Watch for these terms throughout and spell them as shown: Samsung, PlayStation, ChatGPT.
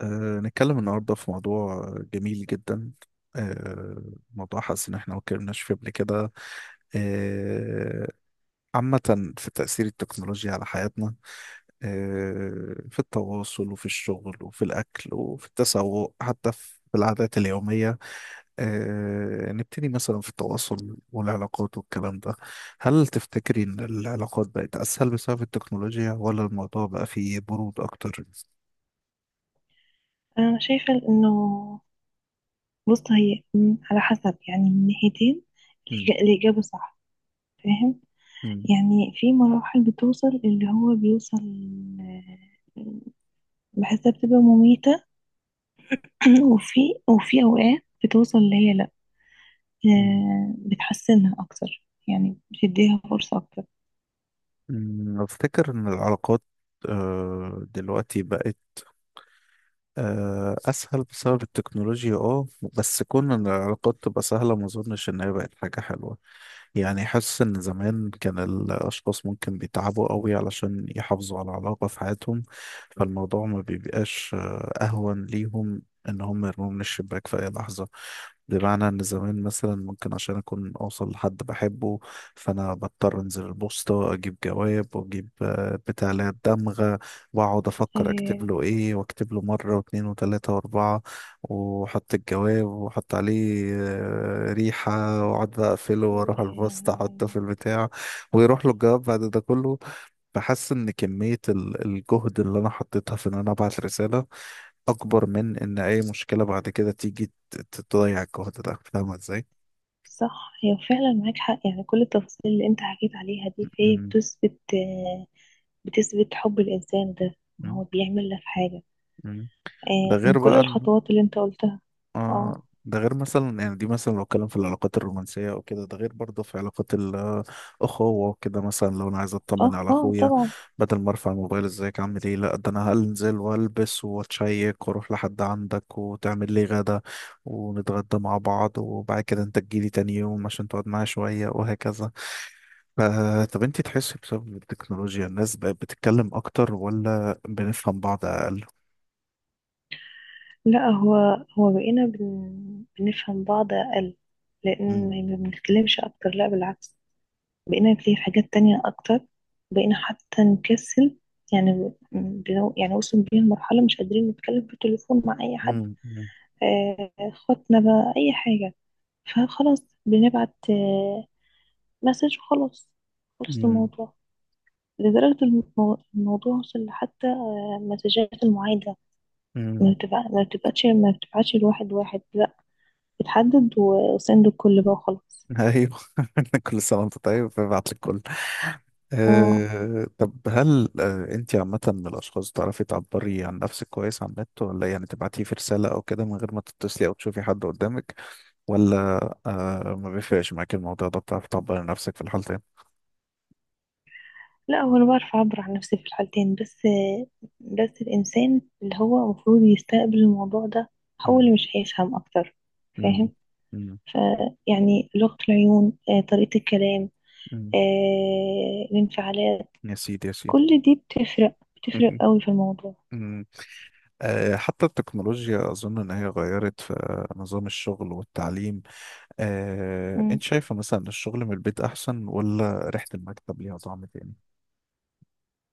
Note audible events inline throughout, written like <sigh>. نتكلم النهاردة في موضوع جميل جدا، أه موضوع حاسس إن إحنا ما اتكلمناش فيه قبل كده. أه عامة في تأثير التكنولوجيا على حياتنا، في التواصل وفي الشغل وفي الأكل وفي التسوق، حتى في العادات اليومية. نبتدي مثلا في التواصل والعلاقات والكلام ده. هل تفتكري إن العلاقات بقت أسهل بسبب التكنولوجيا ولا الموضوع بقى فيه برود أكتر؟ انا شايفه انه. بص، هي على حسب، يعني من ناحيتين. مم. الاجابه صح. فاهم؟ يعني في مراحل بتوصل اللي هو بيوصل، آه، بحسها بتبقى مميته. <clears throat> وفي وفي اوقات بتوصل اللي هي لا. مم. بتحسنها اكتر، يعني بتديها فرصه اكتر. أفتكر إن العلاقات دلوقتي بقت أسهل بسبب التكنولوجيا. اه بس كون إن العلاقات تبقى سهلة، ما أظنش إن هي بقت حاجة حلوة. يعني حاسس إن زمان كان الأشخاص ممكن بيتعبوا قوي علشان يحافظوا على علاقة في حياتهم، فالموضوع ما بيبقاش أهون ليهم إن هم يرموا من الشباك في أي لحظة. بمعنى إن زمان مثلا، ممكن عشان أكون أوصل لحد بحبه، فأنا بضطر أنزل البوسطة أجيب جواب وأجيب بتاع اللي هي الدمغة، واقعد افكر اكتب آه، له ايه، واكتب له مره واثنين وثلاثه واربعه، واحط الجواب واحط عليه ريحه، واقعد بقى اقفله واروح البسط احطه في آه، البتاع، ويروح له الجواب بعد ده كله. بحس ان كميه الجهد اللي انا حطيتها في ان انا ابعت رساله، اكبر من ان اي مشكله بعد كده تيجي تضيع الجهد ده. فاهمه ازاي؟ صح، هي فعلا معاك حق. يعني كل التفاصيل اللي انت حكيت عليها دي فهي م- بتثبت، بتثبت حب الإنسان ده. إن م- هو بيعمل لك حاجة، م- م. ده من غير كل بقى ان الخطوات اللي أنت قلتها. اه، ده غير مثلا، يعني دي مثلا لو اتكلم في العلاقات الرومانسية او كده، ده غير برضه في علاقات الأخوة وكده. مثلا لو انا عايز اطمن اه، على اه، اخويا، طبعا. بدل ما ارفع الموبايل ازيك عامل ايه، لا ده انا هنزل والبس واتشيك واروح لحد عندك، وتعمل لي غدا، ونتغدى مع بعض، وبعد كده انت تجيلي تاني يوم عشان تقعد معايا شوية، وهكذا. ف- طب انت تحسي بسبب التكنولوجيا الناس بقت بتتكلم اكتر ولا بنفهم بعض اقل؟ لا، هو بقينا بنفهم بعض أقل. مم. لأن ما بنتكلمش أكتر، لا بالعكس. بقينا نتكلم في حاجات تانية أكتر. بقينا حتى نكسل. يعني يعني وصل بينا لمرحلة مش قادرين نتكلم في التليفون مع أي حد. مم. مم. خطنا بقى أي حاجة. فخلاص بنبعت مسج وخلاص. خلص مم. الموضوع. لدرجة الموضوع وصل لحتى مسجات المعايدة. مم. ما بتبعتش الواحد واحد، لا. بتحدد وسند الكل بقى وخلاص. ايوه <laughs> كل سنه وانت طيب، ببعت لك كل اه. طب هل انت عامه من الاشخاص تعرفي تعبري عن نفسك كويس على النت؟ ولا يعني تبعتيه في رساله او كده من غير ما تتصلي او تشوفي حد قدامك؟ ولا ما بيفرقش معاك الموضوع ده، بتعرفي تعبري عن نفسك في الحالتين؟ لا، هو انا بعرف اعبر عن نفسي في الحالتين. بس بس الانسان اللي هو المفروض يستقبل الموضوع ده هو مم. اللي مش هيفهم اكتر. مم. فاهم؟ مم. فيعني لغة العيون، طريقة الكلام، مم. الانفعالات، يا سيدي يا سيدي. كل دي بتفرق، بتفرق <laughs> قوي في الموضوع. مم. حتى التكنولوجيا أظن إن هي غيرت في نظام الشغل والتعليم. انت شايفة مثلا إن الشغل من البيت احسن، ولا ريحة المكتب ليها طعم تاني؟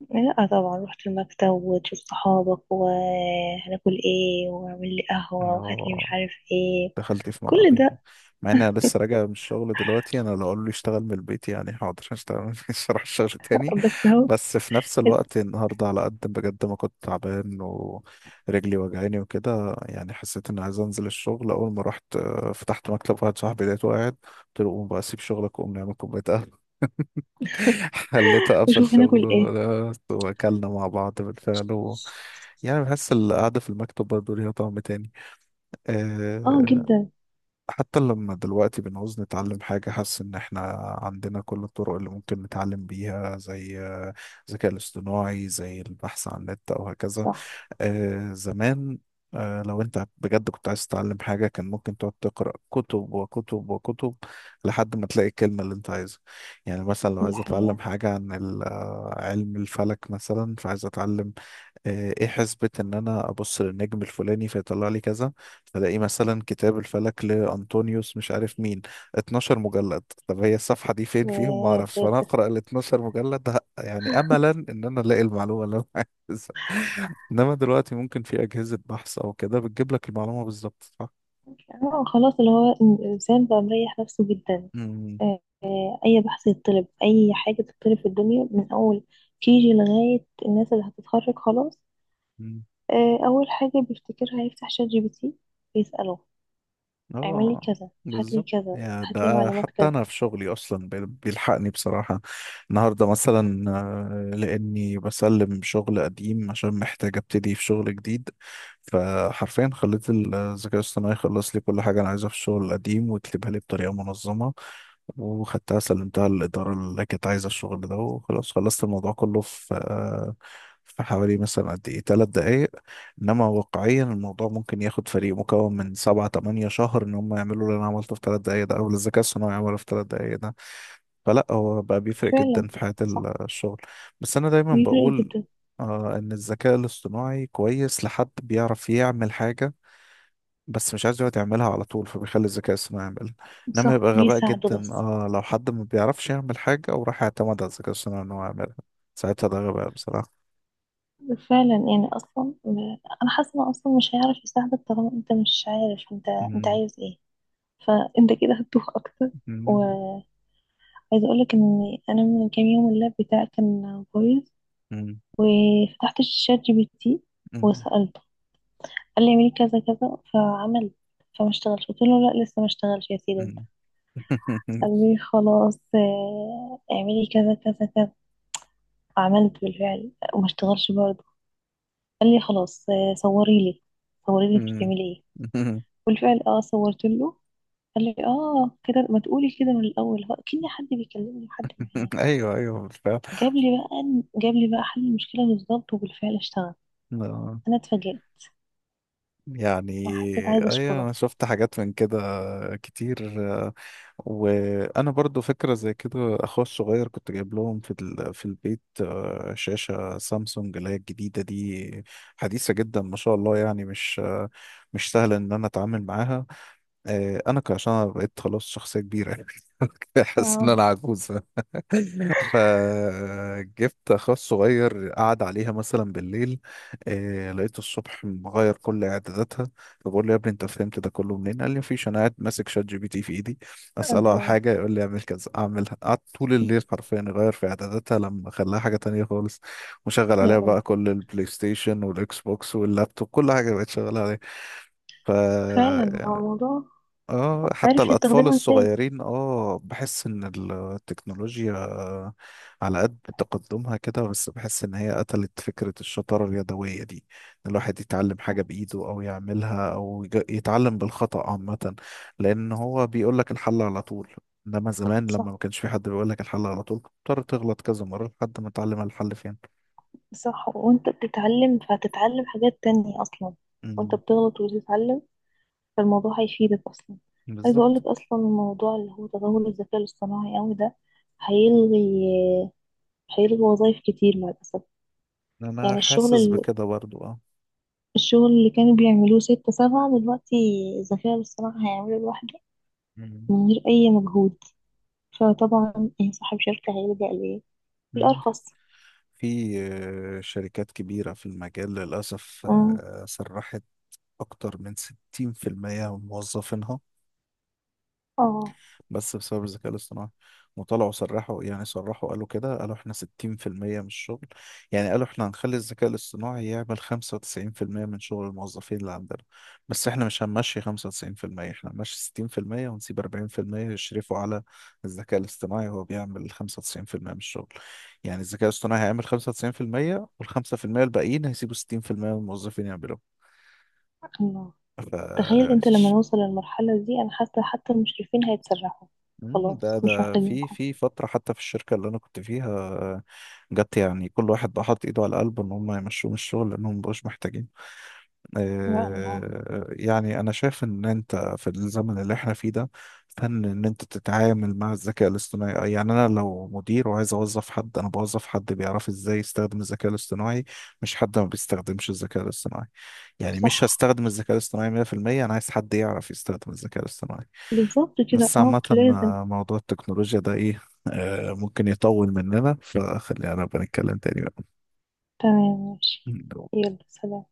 لا طبعا، رحت المكتب وتشوف صحابك، وهناكل ايه، واعمل لي قهوة وهات لي مش اه عارف ايه. دخلت في كل ملعبين. ده. مع ان انا لسه راجع من الشغل دلوقتي، انا لو قالوا لي اشتغل من البيت يعني حاضر <laughs> هشتغل، مش هروح الشغل تاني. بس اهو. بس في نفس الوقت النهارده على قد بجد ما كنت تعبان ورجلي وجعاني وكده، يعني حسيت اني عايز انزل الشغل. اول ما رحت فتحت مكتب واحد صاحبي لقيته قاعد، قلت له قوم بقى سيب شغلك وقوم نعمل كوبايه. خليته قفل وشوف هناكل شغله ايه. ده، واكلنا مع بعض بالفعل، و... يعني بحس القعدة في المكتب برضه ليها طعم تاني. اه آه، جدا. حتى لما دلوقتي بنعوز نتعلم حاجة، حاسس إن إحنا عندنا كل الطرق اللي ممكن نتعلم بيها، زي الذكاء الاصطناعي، زي البحث عن النت أو هكذا. صح. زمان لو أنت بجد كنت عايز تتعلم حاجة، كان ممكن تقعد تقرأ كتب وكتب وكتب لحد ما تلاقي الكلمة اللي أنت عايزها. يعني مثلا لو دي عايز أتعلم حقيقة. حاجة عن علم الفلك مثلا، فعايز أتعلم ايه حسبة ان انا ابص للنجم الفلاني فيطلع لي كذا. فلاقي مثلا كتاب الفلك لانطونيوس مش عارف مين، 12 مجلد. طب هي الصفحة دي فين فيهم؟ ما آه، اعرفش. فانا سافر. اقرا ال 12 مجلد يعني املا ان انا الاقي المعلومة اللي انا عايزها. <laughs> انما دلوقتي ممكن في اجهزة بحث او كده بتجيب لك المعلومة بالظبط، صح؟ اه خلاص، اللي هو الإنسان بقى مريح نفسه جدا. مم. أي بحث يتطلب، أي حاجة تتطلب في الدنيا، من أول كيجي لغاية الناس اللي هتتخرج خلاص، أول حاجة بيفتكرها يفتح شات جي بي تي. يسأله: اعملي اه كذا، هاتلي بالظبط. كذا، يا هاتلي ده معلومات حتى كذا. انا في شغلي اصلا بيلحقني بصراحه. النهارده مثلا لاني بسلم شغل قديم عشان محتاج ابتدي في شغل جديد، فحرفيا خليت الذكاء الاصطناعي يخلص لي كل حاجه انا عايزها في الشغل القديم ويكتبها لي بطريقه منظمه. وخدتها سلمتها للاداره اللي كانت عايزه الشغل ده، وخلاص خلصت الموضوع كله في في حوالي مثلا قد ايه 3 دقايق. انما واقعيا الموضوع ممكن ياخد فريق مكون من 7 8 شهر ان هم يعملوا اللي انا عملته في 3 دقايق ده، او اللي الذكاء الصناعي عمله في 3 دقايق ده. فلا، هو بقى بيفرق جدا فعلا. في حياة صح. الشغل. بس انا دايما بيفرق بقول جدا. ان الذكاء الاصطناعي كويس لحد بيعرف يعمل حاجة بس مش عايز يقعد يعملها على طول، فبيخلي الذكاء الصناعي يعملها. انما صح، يبقى غباء بيساعده جدا بس. اه لو حد ما بيعرفش يعمل حاجة وراح يعتمد على الذكاء الصناعي ان هو يعملها، ساعتها ده غباء بصراحة. فعلا. يعني اصلا، انا حاسه انه اصلا مش هيعرف يساعدك طالما انت مش عارف انت مم. عايز ايه. فانت كده هتتوه اكتر. مم. وعايزه اقولك ان انا من كام يوم اللاب بتاعي كان بايظ، وفتحت الشات جي بي تي مم. وسالته. قال لي اعملي كذا كذا، فعمل، فما اشتغلش. قلت له لا، لسه ما اشتغلش يا سيدي. مم. قالوا لي خلاص، اعملي كذا كذا كذا. عملت بالفعل وما اشتغلش برضه. قال لي خلاص، صوري لي، صوري لي انت مم. بتعملي ايه. مم. بالفعل، اه، صورت له. قال لي اه كده، ما تقولي كده من الاول؟ هو كأن حد بيكلمني وحد معايا. <laughs> ايوه ايوه بالفعل. جاب لي بقى جاب لي بقى حل المشكله بالظبط، وبالفعل اشتغل. آه، انا اتفاجئت. يعني انا حسيت عايزه ايوه اشكره. انا شفت حاجات من كده كتير. وانا برضو فكره زي كده، اخويا الصغير كنت جايب لهم في في البيت شاشه سامسونج اللي هي الجديده دي، حديثه جدا ما شاء الله، يعني مش مش سهل ان انا اتعامل معاها. انا عشان أنا بقيت خلاص شخصيه كبيره <laughs> حاسس ان انا اه. عجوز. فجبت اخويا الصغير قعد عليها مثلا بالليل. لقيته الصبح مغير كل اعداداتها. فبقول له يا ابني انت فهمت ده كله منين؟ قال لي مفيش، انا قاعد ماسك شات جي بي تي في ايدي، اساله على الله. حاجه يقول لي اعمل كذا اعملها. قعدت طول الليل حرفيا يغير في اعداداتها لما خلاها حاجه تانية خالص، وشغل عليها يا بقى قلبي. كل البلاي ستيشن والاكس بوكس واللابتوب، كل حاجه بقت شغاله عليها. ف فعلا هو الموضوع. اه حتى عارف الأطفال يستخدمها ازاي. الصغيرين اه بحس إن التكنولوجيا على قد تقدمها كده، بس بحس إن هي قتلت فكرة الشطارة اليدوية دي، إن الواحد يتعلم حاجة بإيده أو يعملها أو يتعلم بالخطأ عامة. لأن هو بيقول لك الحل على طول. إنما زمان لما ما صح، كانش في حد بيقول لك الحل على طول، كنت بتضطر تغلط كذا مرة لحد ما تعلم الحل فين. صح، وانت بتتعلم فهتتعلم حاجات تانية اصلا. وانت مم، بتغلط وتتعلم، فالموضوع هيفيدك اصلا. عايزة بالظبط. اقولك اصلا الموضوع اللي هو تطور الذكاء الاصطناعي اوي ده هيلغي، هيلغي وظايف كتير مع الاسف. أنا يعني حاسس بكده برضو اه. الشغل اللي كانوا بيعملوه ستة سبعة دلوقتي الذكاء الاصطناعي هيعمله لوحده، مم. من غير اي مجهود. فطبعا اي صاحب شركة هيلجأ ليه مم. الارخص. في شركات كبيرة في المجال للأسف أمم. سرحت أكتر من 60% من موظفينها، اه، بس بسبب الذكاء الاصطناعي. وطلعوا صرحوا، يعني صرحوا قالوا كده، قالوا احنا 60% من الشغل، يعني قالوا احنا هنخلي الذكاء الاصطناعي يعمل 95% من شغل الموظفين اللي عندنا، بس احنا مش هنمشي 95%، احنا هنمشي 60% ونسيب 40% يشرفوا على الذكاء الاصطناعي وهو بيعمل 95% من الشغل. يعني الذكاء الاصطناعي هيعمل 95%، وال5% الباقيين هيسيبوا 60% من الموظفين يعملوا. تخيل انت لما نوصل للمرحلة دي، انا حاسة حتى المشرفين هيتسرحوا. مم، خلاص ده مش ده في محتاجينكم. في فترة حتى في الشركة اللي أنا كنت فيها جت، يعني كل واحد بقى حاطط إيده على قلبه إن هم يمشوه من الشغل لأنهم مبقوش محتاجين. يا الله. يعني أنا شايف إن أنت في الزمن اللي إحنا فيه ده، فن إن أنت تتعامل مع الذكاء الاصطناعي. يعني أنا لو مدير وعايز أوظف حد، أنا بوظف حد بيعرف إزاي يستخدم الذكاء الاصطناعي، مش حد ما بيستخدمش الذكاء الاصطناعي. يعني مش صح. هستخدم الذكاء الاصطناعي 100%، أنا عايز حد يعرف يستخدم الذكاء الاصطناعي. بالظبط كده، بس اه عامة لازم. موضوع التكنولوجيا ده ايه ممكن يطول مننا، فخلينا نبقى نتكلم تاني تمام، ماشي. بقى. يلا، سلام.